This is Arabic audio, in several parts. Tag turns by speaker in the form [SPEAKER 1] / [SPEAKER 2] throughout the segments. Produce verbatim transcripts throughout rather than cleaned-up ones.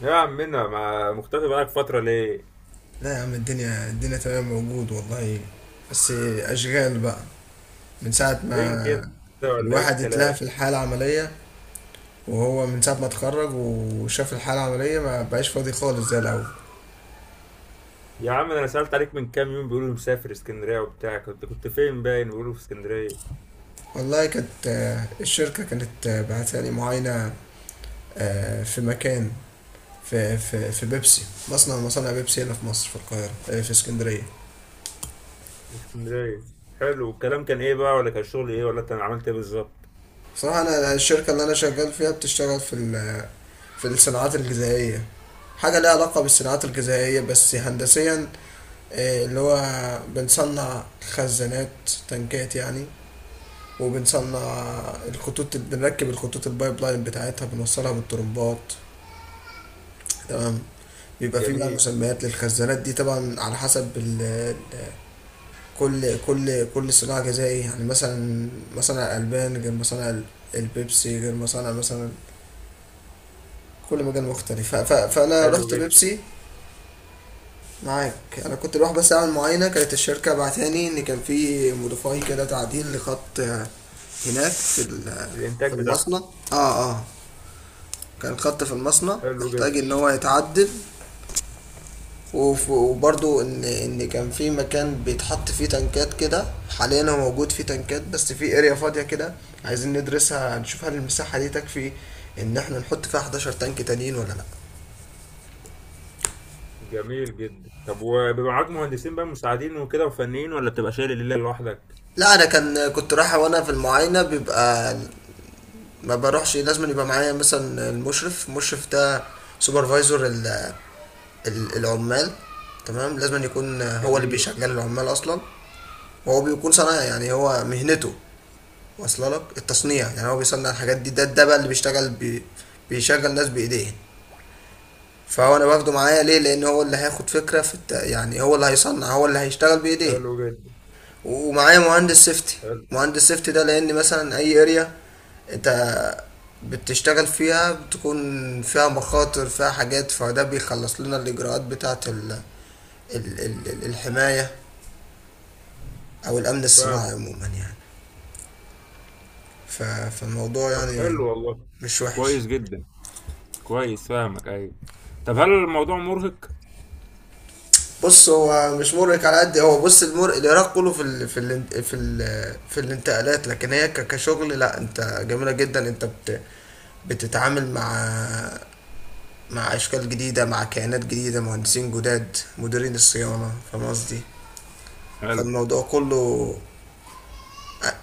[SPEAKER 1] يا عمنا ما مختفي بقالك فترة ليه؟
[SPEAKER 2] لا يا عم، الدنيا الدنيا تمام، موجود والله. بس أشغال بقى. من ساعة
[SPEAKER 1] فين كده
[SPEAKER 2] ما
[SPEAKER 1] ولا ايه
[SPEAKER 2] الواحد اتلهى في
[SPEAKER 1] الكلام؟
[SPEAKER 2] الحالة العملية، وهو من ساعة ما اتخرج وشاف الحالة العملية ما بقاش فاضي خالص زي الأول.
[SPEAKER 1] يا عم ده انا سألت عليك من كام يوم، بيقولوا مسافر اسكندرية وبتاع. كنت كنت فين؟ باين بيقولوا في اسكندرية.
[SPEAKER 2] والله كانت آه، الشركة كانت آه، بعتالي معاينة آه، في مكان، في في في بيبسي. مصنع من مصانع بيبسي هنا في مصر، في القاهرة، آه، في اسكندرية.
[SPEAKER 1] في اسكندرية. حلو، والكلام كان ايه بقى؟ ولا كان شغل ايه؟ ولا انت عملت ايه بالظبط؟
[SPEAKER 2] بصراحة، أنا الشركة اللي أنا شغال فيها بتشتغل في ال- في الصناعات الغذائية. حاجة ليها علاقة بالصناعات الغذائية بس هندسيا. آه، اللي هو بنصنع خزانات، تنكات يعني. وبنصنع الخطوط، بنركب الخطوط البايب لاين بتاعتها، بنوصلها بالطرمبات. تمام. بيبقى فيه بقى
[SPEAKER 1] جميل.
[SPEAKER 2] مسميات للخزانات دي، طبعا على حسب ال ال- كل كل كل صناعة غذائية. يعني مثلا مصانع الألبان غير مصانع البيبسي، غير مصانع مثلا، كل مجال مختلف. ف- ف- فانا
[SPEAKER 1] حلو
[SPEAKER 2] رحت
[SPEAKER 1] جدا.
[SPEAKER 2] بيبسي. معاك. انا كنت بروح بس اعمل معاينه. كانت الشركه بعتاني ان كان في موديفاي كده، تعديل لخط آه، هناك في ال-
[SPEAKER 1] الانتاج
[SPEAKER 2] في
[SPEAKER 1] بتاعهم.
[SPEAKER 2] المصنع. اه اه كان خط في المصنع
[SPEAKER 1] حلو جدا.
[SPEAKER 2] محتاج ان هو يتعدل. وف- وبرضو ان ان كان في مكان بيتحط فيه تنكات كده. حاليا هو موجود فيه تنكات بس في اريا فاضيه كده. عايزين ندرسها، نشوف هل المساحه دي تكفي ان احنا نحط فيها حداشر تانك تانيين ولا لا.
[SPEAKER 1] جميل جدا. طب وبيبقى معاك مهندسين بقى مساعدين وكده وفنيين، ولا بتبقى شايل الليلة لوحدك؟
[SPEAKER 2] لا، انا كان كنت رايح وانا في المعاينه، بيبقى ما بروحش. لازم يبقى معايا مثلا المشرف المشرف ده سوبرفايزر ال- ال- العمال، تمام. لازم يكون هو اللي
[SPEAKER 1] جميل.
[SPEAKER 2] بيشغل العمال اصلا. وهو بيكون صنايعي، يعني هو مهنته واصله لك التصنيع. يعني هو بيصنع الحاجات دي. ده ده بقى اللي بيشتغل بي بيشغل ناس بايديه. فهو انا باخده معايا ليه؟ لان هو اللي هياخد فكره في الت... يعني هو اللي هيصنع، هو اللي هيشتغل بايديه.
[SPEAKER 1] حلو جدا.
[SPEAKER 2] ومعايا مهندس سيفتي
[SPEAKER 1] حلو.
[SPEAKER 2] مهندس سيفتي ده، لان مثلا اي اريا انت بتشتغل فيها بتكون فيها مخاطر، فيها حاجات، فده بيخلص لنا الاجراءات بتاعه ال... ال... ال... ال- الحماية، او الامن الصناعي
[SPEAKER 1] فاهمك.
[SPEAKER 2] عموما يعني. ف... فالموضوع
[SPEAKER 1] طب
[SPEAKER 2] يعني
[SPEAKER 1] حلو والله.
[SPEAKER 2] مش وحش.
[SPEAKER 1] كويس جدا. كويس، فاهمك، ايوه. طب هل الموضوع مرهق؟
[SPEAKER 2] بص، هو مش مرهق على قد هو. بص، المر العراق كله في ال... في ال... في ال... في الانتقالات، لكن هي ك... كشغل لا. انت جميلة جدا، انت بت... بتتعامل مع مع أشكال جديدة، مع كيانات جديدة، مهندسين جداد، مديرين الصيانة. فاهم قصدي؟
[SPEAKER 1] حلو.
[SPEAKER 2] فالموضوع كله.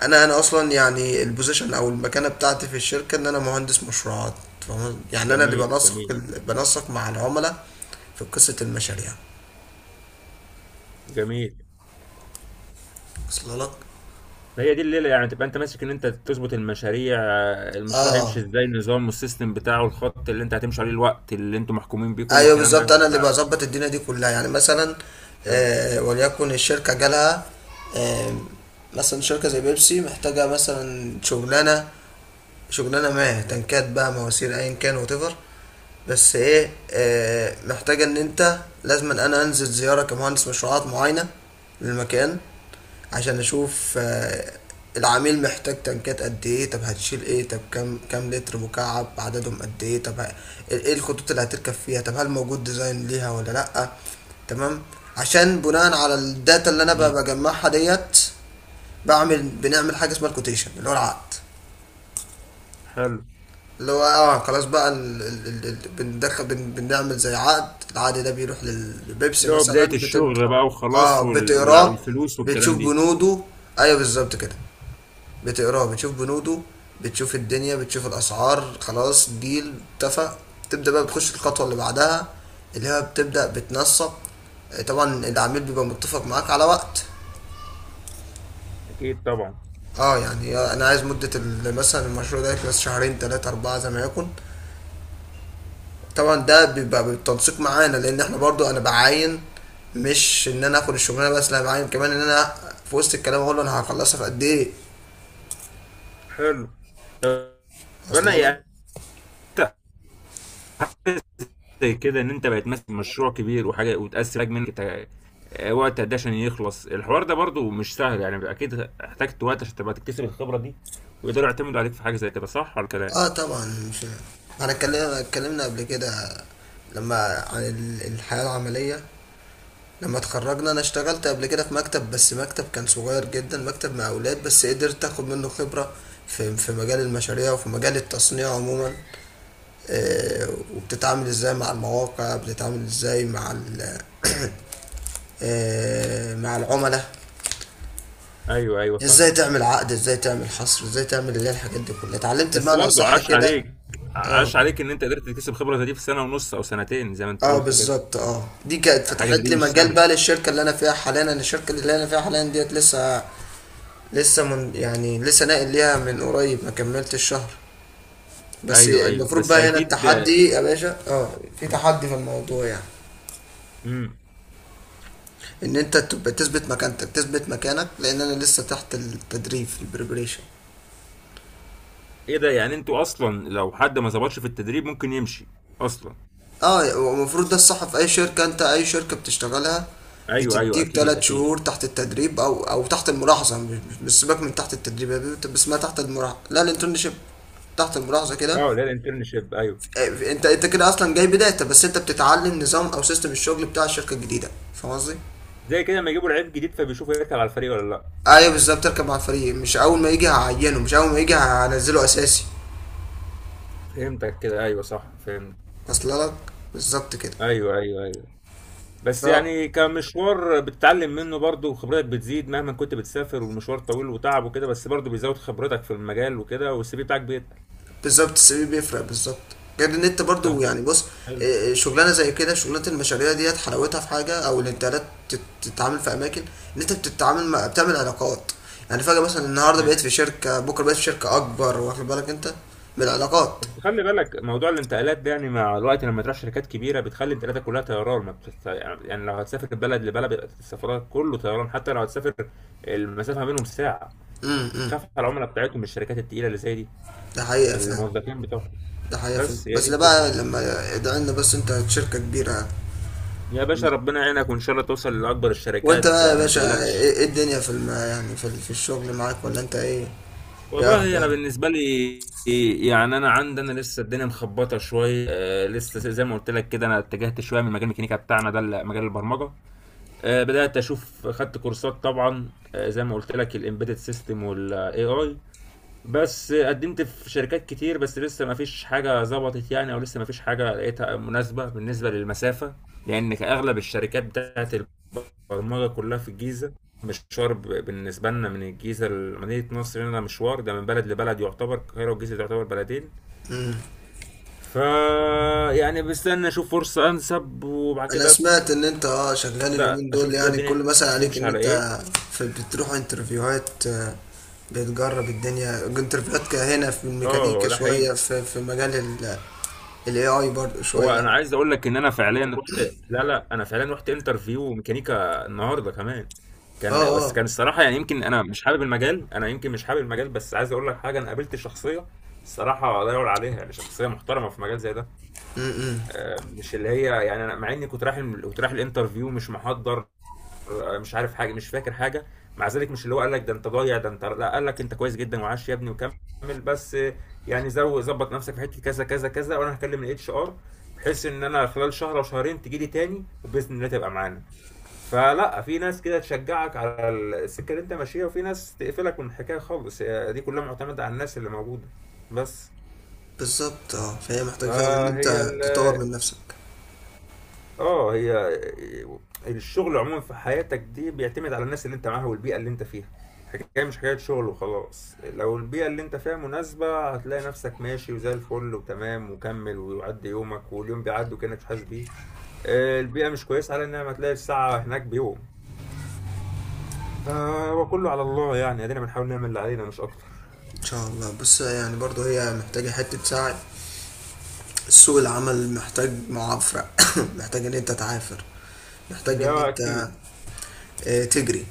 [SPEAKER 2] أنا أنا أصلا يعني البوزيشن أو المكانة بتاعتي في الشركة إن أنا مهندس مشروعات. فاهم؟ يعني أنا اللي
[SPEAKER 1] جميل.
[SPEAKER 2] بنسق
[SPEAKER 1] جميل.
[SPEAKER 2] ال- بنسق مع العملاء في قصة المشاريع.
[SPEAKER 1] جميل.
[SPEAKER 2] وصل لك؟
[SPEAKER 1] هي دي الليله يعني، تبقى انت ماسك ان انت تظبط المشاريع؟ المشروع هيمشي
[SPEAKER 2] اه
[SPEAKER 1] ازاي؟ النظام والسيستم بتاعه، الخط اللي انت هتمشي عليه، الوقت اللي انتوا محكومين بيه، كل
[SPEAKER 2] ايوه
[SPEAKER 1] الكلام ده
[SPEAKER 2] بالظبط، انا
[SPEAKER 1] يعني
[SPEAKER 2] اللي
[SPEAKER 1] بقى.
[SPEAKER 2] بظبط الدنيا دي كلها. يعني مثلا
[SPEAKER 1] فهمت.
[SPEAKER 2] آه وليكن الشركه جالها، آه مثلا شركه زي بيبسي محتاجه مثلا شغلانه شغلانه ما، تنكات بقى، مواسير، ايا كان وتفر. بس ايه، آه، محتاجه ان انت لازم أن انا انزل زياره كمهندس مشروعات معينه للمكان، عشان اشوف آه، العميل محتاج تنكات قد ايه، طب هتشيل ايه، طب كام كام لتر مكعب، عددهم قد ايه، طب ه- ايه الخطوط اللي هتركب فيها، طب هل موجود ديزاين ليها ولا لا. تمام. عشان بناء على الداتا اللي انا ب-
[SPEAKER 1] جميل.
[SPEAKER 2] بجمعها ديت، بعمل بنعمل حاجه اسمها الكوتيشن، اللي هو العقد
[SPEAKER 1] حلو.
[SPEAKER 2] اللي هو اه خلاص بقى ال... ال... ال... ال- بندخل بن... بنعمل زي عقد العقد ده بيروح للبيبسي
[SPEAKER 1] اللي هو بدايه
[SPEAKER 2] مثلا، بتبدأ.
[SPEAKER 1] الشغل بقى
[SPEAKER 2] اه
[SPEAKER 1] وخلاص، وال... والع-
[SPEAKER 2] بتقراه
[SPEAKER 1] والفلوس
[SPEAKER 2] بتشوف
[SPEAKER 1] والكلام دي.
[SPEAKER 2] بنوده. ايوه بالظبط كده، بتقراه بتشوف بنوده، بتشوف الدنيا، بتشوف الاسعار. خلاص، ديل اتفق. تبدأ بقى بتخش الخطوة اللي بعدها، اللي هي بتبدأ بتنسق. آه، طبعا العميل بيبقى متفق معاك على وقت.
[SPEAKER 1] اكيد طبعا.
[SPEAKER 2] اه يعني انا عايز مدة ال- مثلا المشروع ده يخلص شهرين، تلاتة، اربعة، زي ما يكون. طبعا ده بيبقى بالتنسيق معانا. لان احنا برضو انا بعاين، مش ان انا اخد الشغلانه بس، لا، بعاين كمان ان انا في وسط الكلام اقول له انا هخلصها في قد ايه.
[SPEAKER 1] حلو. طب
[SPEAKER 2] اصلا
[SPEAKER 1] انا
[SPEAKER 2] لك.
[SPEAKER 1] يعني زي كده ان انت بقت ماسك مشروع كبير وحاجه، وتقسم حاجه منك تع- وقت قد إيه عشان يخلص الحوار ده؟ برضو مش سهل يعني، اكيد احتجت وقت عشان تبقى تكتسب الخبره دي، ويقدروا يعتمدوا عليك في حاجه زي كده، صح ولا كلام؟
[SPEAKER 2] اه طبعا مش. انا اتكلمنا اتكلمنا قبل كده، لما عن ال- الحياه العمليه. لما اتخرجنا انا اشتغلت قبل كده في مكتب، بس مكتب كان صغير جدا، مكتب مع اولاد، بس قدرت اخد منه خبره في في مجال المشاريع وفي مجال التصنيع عموما. آه، وبتتعامل ازاي مع المواقع، بتتعامل ازاي مع ال- آه، مع العملاء،
[SPEAKER 1] ايوه، ايوه، فاهم.
[SPEAKER 2] ازاي تعمل عقد، ازاي تعمل حصر، ازاي تعمل اللي هي الحاجات دي كلها. اتعلمت
[SPEAKER 1] بس
[SPEAKER 2] بمعنى
[SPEAKER 1] برضو
[SPEAKER 2] اصح
[SPEAKER 1] عاش
[SPEAKER 2] كده.
[SPEAKER 1] عليك،
[SPEAKER 2] اه
[SPEAKER 1] عاش عليك ان انت قدرت تكتسب خبره زي دي في سنه ونص او سنتين زي ما انت
[SPEAKER 2] اه
[SPEAKER 1] قلت كده.
[SPEAKER 2] بالظبط. اه دي كانت
[SPEAKER 1] حاجه زي
[SPEAKER 2] فتحت
[SPEAKER 1] دي
[SPEAKER 2] لي
[SPEAKER 1] مش
[SPEAKER 2] مجال
[SPEAKER 1] سهله.
[SPEAKER 2] بقى للشركه اللي انا فيها حاليا. انا الشركه اللي انا فيها حاليا ديت لسه، لسه من يعني لسه ناقل ليها من قريب، ما كملتش الشهر. بس
[SPEAKER 1] ايوه، ايوه،
[SPEAKER 2] المفروض
[SPEAKER 1] بس
[SPEAKER 2] بقى هنا
[SPEAKER 1] اكيد.
[SPEAKER 2] التحدي يا باشا. اه في تحدي في الموضوع يعني،
[SPEAKER 1] امم.
[SPEAKER 2] ان انت تبقى تثبت مكانتك، تثبت مكانك، لان انا لسه تحت التدريب، البريبريشن.
[SPEAKER 1] ايه ده؟ يعني انتوا اصلا لو حد ما ظبطش في التدريب ممكن يمشي اصلا؟
[SPEAKER 2] اه المفروض ده الصح. في اي شركة انت، اي شركة بتشتغلها
[SPEAKER 1] ايوه، ايوه،
[SPEAKER 2] بتديك
[SPEAKER 1] اكيد،
[SPEAKER 2] تلات
[SPEAKER 1] اكيد.
[SPEAKER 2] شهور تحت التدريب، او او تحت الملاحظة. مش مش سيبك من تحت التدريب يا بيبي، بس ما تحت الملاحظة، لا الانترنشيب، تحت الملاحظة كده.
[SPEAKER 1] اه، لا، الانترنشيب، ايوه.
[SPEAKER 2] آه، انت انت كده اصلا جاي بداية، بس انت بتتعلم نظام او سيستم الشغل بتاع الشركة الجديدة. فاهم قصدي؟
[SPEAKER 1] زي كده لما يجيبوا لعيب جديد فبيشوفوا يركب على الفريق ولا لا.
[SPEAKER 2] ايوه بالظبط، تركب مع الفريق، مش اول ما يجي هعينه، مش اول ما يجي هنزله اساسي.
[SPEAKER 1] فهمتك كده، ايوه، صح، فهمت.
[SPEAKER 2] اصل لك. بالظبط
[SPEAKER 1] ايوه، ايوه، ايوه. بس
[SPEAKER 2] كده.
[SPEAKER 1] يعني كمشوار بتتعلم منه برضه، وخبرتك بتزيد مهما كنت بتسافر، والمشوار طويل وتعب وكده، بس برضه بيزود خبرتك في المجال وكده، والسي في بتاعك بيتقل.
[SPEAKER 2] بالظبط، السي في بيفرق، بالظبط. غير ان انت برضو
[SPEAKER 1] طب.
[SPEAKER 2] يعني، بص
[SPEAKER 1] حلو.
[SPEAKER 2] آه، آه، شغلانه زي كده، شغلانه المشاريع ديت حلاوتها في حاجه او الانترنت. تتعامل في اماكن، ان انت بتتعامل مع، بتعمل علاقات. يعني فجاه مثلا النهارده
[SPEAKER 1] ايوه.
[SPEAKER 2] بقيت في شركه، بكره بقيت في شركه اكبر. واخد بالك انت بالعلاقات.
[SPEAKER 1] بس خلي بالك موضوع الانتقالات ده، يعني مع الوقت لما تروح شركات كبيره بتخلي انتقالاتك كلها طيران. ما بتست... يعني لو هتسافر من بلد لبلد بيبقى السفرات كله طيران، حتى لو هتسافر المسافه ما بينهم ساعه. تخاف على العملاء بتاعتهم من الشركات التقيله اللي زي دي،
[SPEAKER 2] ده حقيقه فعلا،
[SPEAKER 1] الموظفين بتوعهم.
[SPEAKER 2] ده حقيقه فعلا،
[SPEAKER 1] بس هي دي
[SPEAKER 2] بس ده
[SPEAKER 1] الفكرة.
[SPEAKER 2] بقى لما ده ان بس انت شركه كبيره يعني.
[SPEAKER 1] يا باشا، ربنا يعينك، وإن شاء الله توصل لأكبر
[SPEAKER 2] وانت
[SPEAKER 1] الشركات.
[SPEAKER 2] بقى يا
[SPEAKER 1] آه، ما
[SPEAKER 2] باشا
[SPEAKER 1] تقلقش.
[SPEAKER 2] ايه، إيه الدنيا في الم... يعني، في, ال- في الشغل معاك ولا انت ايه؟ ايه
[SPEAKER 1] والله أنا
[SPEAKER 2] اخبارك؟
[SPEAKER 1] بالنسبة لي يعني، أنا عندي أنا لسه الدنيا مخبطة شوية. آه، لسه زي ما قلت لك كده، أنا اتجهت شوية من مجال الميكانيكا بتاعنا ده لمجال البرمجة. آه، بدأت أشوف، خدت كورسات طبعا. آه، زي ما قلت لك، الإمبيدد سيستم والإي آي. بس قدمت في شركات كتير، بس لسه ما فيش حاجة ظبطت يعني، او لسه ما فيش حاجة لقيتها مناسبة بالنسبة للمسافة، لان اغلب الشركات بتاعت البرمجة كلها في الجيزة. مشوار ب- بالنسبة لنا من الجيزة لمدينة نصر هنا، مشوار ده من بلد لبلد. يعتبر القاهرة والجيزة تعتبر بلدين. فا يعني بستنى اشوف فرصة انسب، وبعد
[SPEAKER 2] انا
[SPEAKER 1] كده
[SPEAKER 2] سمعت ان انت اه شغال
[SPEAKER 1] ابدا
[SPEAKER 2] اليومين دول.
[SPEAKER 1] اشوف كده
[SPEAKER 2] يعني كل
[SPEAKER 1] الدنيا
[SPEAKER 2] مثلا عليك
[SPEAKER 1] تمشي
[SPEAKER 2] ان
[SPEAKER 1] على
[SPEAKER 2] انت
[SPEAKER 1] ايه.
[SPEAKER 2] في بتروح انترفيوهات. آه، بتجرب الدنيا، انترفيوهات ك- هنا في الميكانيكا
[SPEAKER 1] اه، ده
[SPEAKER 2] شوية،
[SPEAKER 1] حقيقي.
[SPEAKER 2] في في مجال ال الاي اي برضه
[SPEAKER 1] هو
[SPEAKER 2] شوية.
[SPEAKER 1] انا عايز اقول لك ان انا فعليا رحت. لا، لا، انا فعليا رحت انترفيو ميكانيكا النهارده كمان.
[SPEAKER 2] اه
[SPEAKER 1] كان، بس
[SPEAKER 2] اه
[SPEAKER 1] كان الصراحه يعني، يمكن انا مش حابب المجال، انا يمكن مش حابب المجال، بس عايز اقول لك حاجه. انا قابلت شخصيه الصراحه لا يعلى عليها، يعني شخصيه محترمه في مجال زي ده. آه، مش اللي هي يعني، انا مع اني كنت رايح الم- كنت رايح الانترفيو مش محضر، آه، مش عارف حاجه، مش فاكر حاجه، مع ذلك مش اللي هو قال لك ده انت ضايع ده انت، لا، قال لك انت كويس جدا وعاش يا ابني وكمل، بس يعني زو ظبط نفسك في حته كذا كذا كذا، وانا هكلم الاتش ار بحيث ان انا خلال شهر او شهرين تجي لي تاني، وباذن الله تبقى معانا. فلا، في ناس كده تشجعك على السكه اللي انت ماشيها، وفي ناس تقفلك من الحكايه خالص. هي دي كلها معتمده على الناس اللي موجوده بس.
[SPEAKER 2] بالظبط. اه فهي محتاجة فعلا ان
[SPEAKER 1] فهي
[SPEAKER 2] انت
[SPEAKER 1] ال-
[SPEAKER 2] تطور من نفسك.
[SPEAKER 1] اه هي، آه، الشغل عموما في حياتك دي بيعتمد على الناس اللي انت معاها والبيئة اللي انت فيها. حكاية مش حكاية شغل وخلاص. لو البيئة اللي انت فيها مناسبة، هتلاقي نفسك ماشي وزي الفل وتمام وكمل ويعدي يومك، واليوم بيعدي وكأنك مش حاسس بيه. آه، البيئة مش كويسة، على انها ما تلاقي الساعة هناك بيوم. فهو كله على الله يعني، ادينا بنحاول نعمل اللي علينا مش اكتر.
[SPEAKER 2] ان شاء الله، بس يعني برضه هي محتاجة حتة سعي. سوق العمل محتاج معافرة محتاج ان انت تعافر، محتاج ان
[SPEAKER 1] ده
[SPEAKER 2] انت
[SPEAKER 1] اكيد.
[SPEAKER 2] آه، تجري.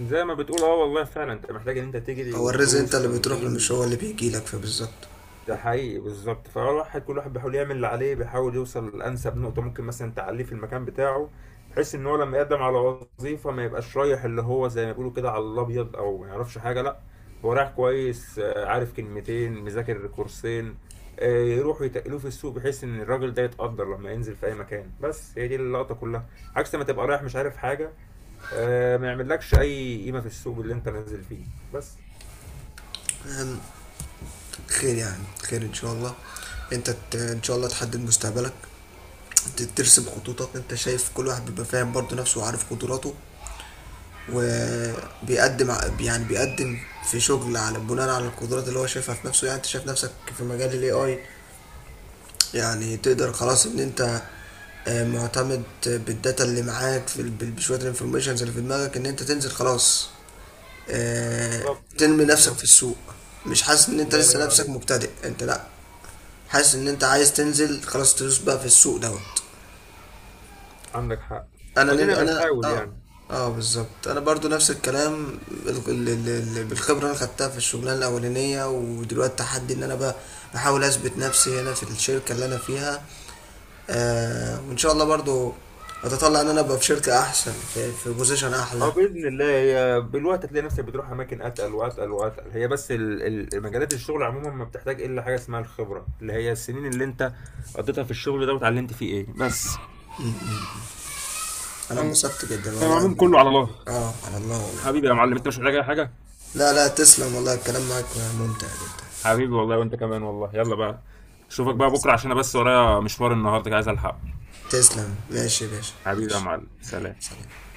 [SPEAKER 1] زي ما بتقول، اه، والله فعلا انت محتاج ان انت تجري
[SPEAKER 2] هو الرزق انت
[SPEAKER 1] وتدوس
[SPEAKER 2] اللي بتروح له، مش
[SPEAKER 1] وتنجز.
[SPEAKER 2] هو اللي بيجي لك، فبالظبط.
[SPEAKER 1] ده
[SPEAKER 2] وبت-
[SPEAKER 1] حقيقي، بالظبط. فالواحد، كل واحد بيحاول يعمل اللي عليه، بيحاول يوصل لأنسب نقطة ممكن مثلا تعليه في المكان بتاعه، بحيث ان هو لما يقدم على وظيفة ما يبقاش رايح اللي هو زي ما بيقولوا كده على الابيض، او ما يعرفش حاجة. لا، هو رايح كويس، آه، عارف كلمتين، مذاكر كورسين، آه، يروحوا يتقلوه في السوق، بحيث ان الراجل ده يتقدر لما ينزل في اي مكان. بس هي دي اللقطة كلها، عكس ما تبقى رايح مش عارف حاجة، آه، ما يعملكش اي قيمة في السوق اللي انت نازل فيه. بس.
[SPEAKER 2] خير يعني، خير ان شاء الله. انت ت- ان شاء الله تحدد مستقبلك، ت- ترسم خطوطك. انت شايف كل واحد بيبقى فاهم برضه نفسه وعارف قدراته، وبيقدم ع- يعني بيقدم في شغل على بناء على القدرات اللي هو شايفها في نفسه. يعني انت شايف نفسك في مجال الاي اي، يعني تقدر خلاص ان انت آه، معتمد بالداتا اللي معاك في ال- بشويه الانفورميشنز اللي في دماغك، ان انت تنزل خلاص آه،
[SPEAKER 1] بالظبط.
[SPEAKER 2] تنمي نفسك في
[SPEAKER 1] بالظبط.
[SPEAKER 2] السوق. مش حاسس ان انت
[SPEAKER 1] الله
[SPEAKER 2] لسه
[SPEAKER 1] ينور
[SPEAKER 2] نفسك
[SPEAKER 1] عليك.
[SPEAKER 2] مبتدئ، انت لا، حاسس ان انت عايز تنزل خلاص، تدوس بقى في السوق دوت.
[SPEAKER 1] عندك حق.
[SPEAKER 2] انا نل...
[SPEAKER 1] وادينا
[SPEAKER 2] انا
[SPEAKER 1] بنحاول
[SPEAKER 2] اه
[SPEAKER 1] يعني.
[SPEAKER 2] اه بالظبط. انا برضو نفس الكلام، ال- ال- ال- ال- بالخبره اللي انا خدتها في الشغلانه الاولانيه، ودلوقتي تحدي ان انا بقى بحاول اثبت نفسي هنا في الشركه اللي انا فيها. آه وان شاء الله برضو، اتطلع ان انا ابقى في شركه احسن، في, في بوزيشن احلى.
[SPEAKER 1] اه، باذن الله، هي بالوقت هتلاقي نفسك بتروح اماكن اتقل واتقل واتقل. هي بس ال- ال- مجالات الشغل عموما ما بتحتاج الا حاجه اسمها الخبره، اللي هي السنين اللي انت قضيتها في الشغل ده واتعلمت فيه ايه. بس
[SPEAKER 2] انا
[SPEAKER 1] انا
[SPEAKER 2] اتبسطت جدا والله.
[SPEAKER 1] العموم كله على الله.
[SPEAKER 2] اه على الله والله.
[SPEAKER 1] حبيبي يا معلم، انت مش محتاج اي حاجه.
[SPEAKER 2] لا، لا، تسلم والله، الكلام معك ممتع جدا.
[SPEAKER 1] حبيبي والله، وانت كمان والله. يلا بقى، اشوفك
[SPEAKER 2] يلا،
[SPEAKER 1] بقى بكره، عشان انا بس ورايا مشوار النهارده عايز الحقه.
[SPEAKER 2] تسلم. ماشي يا باشا،
[SPEAKER 1] حبيبي يا
[SPEAKER 2] ماشي،
[SPEAKER 1] معلم، سلام.
[SPEAKER 2] سلام.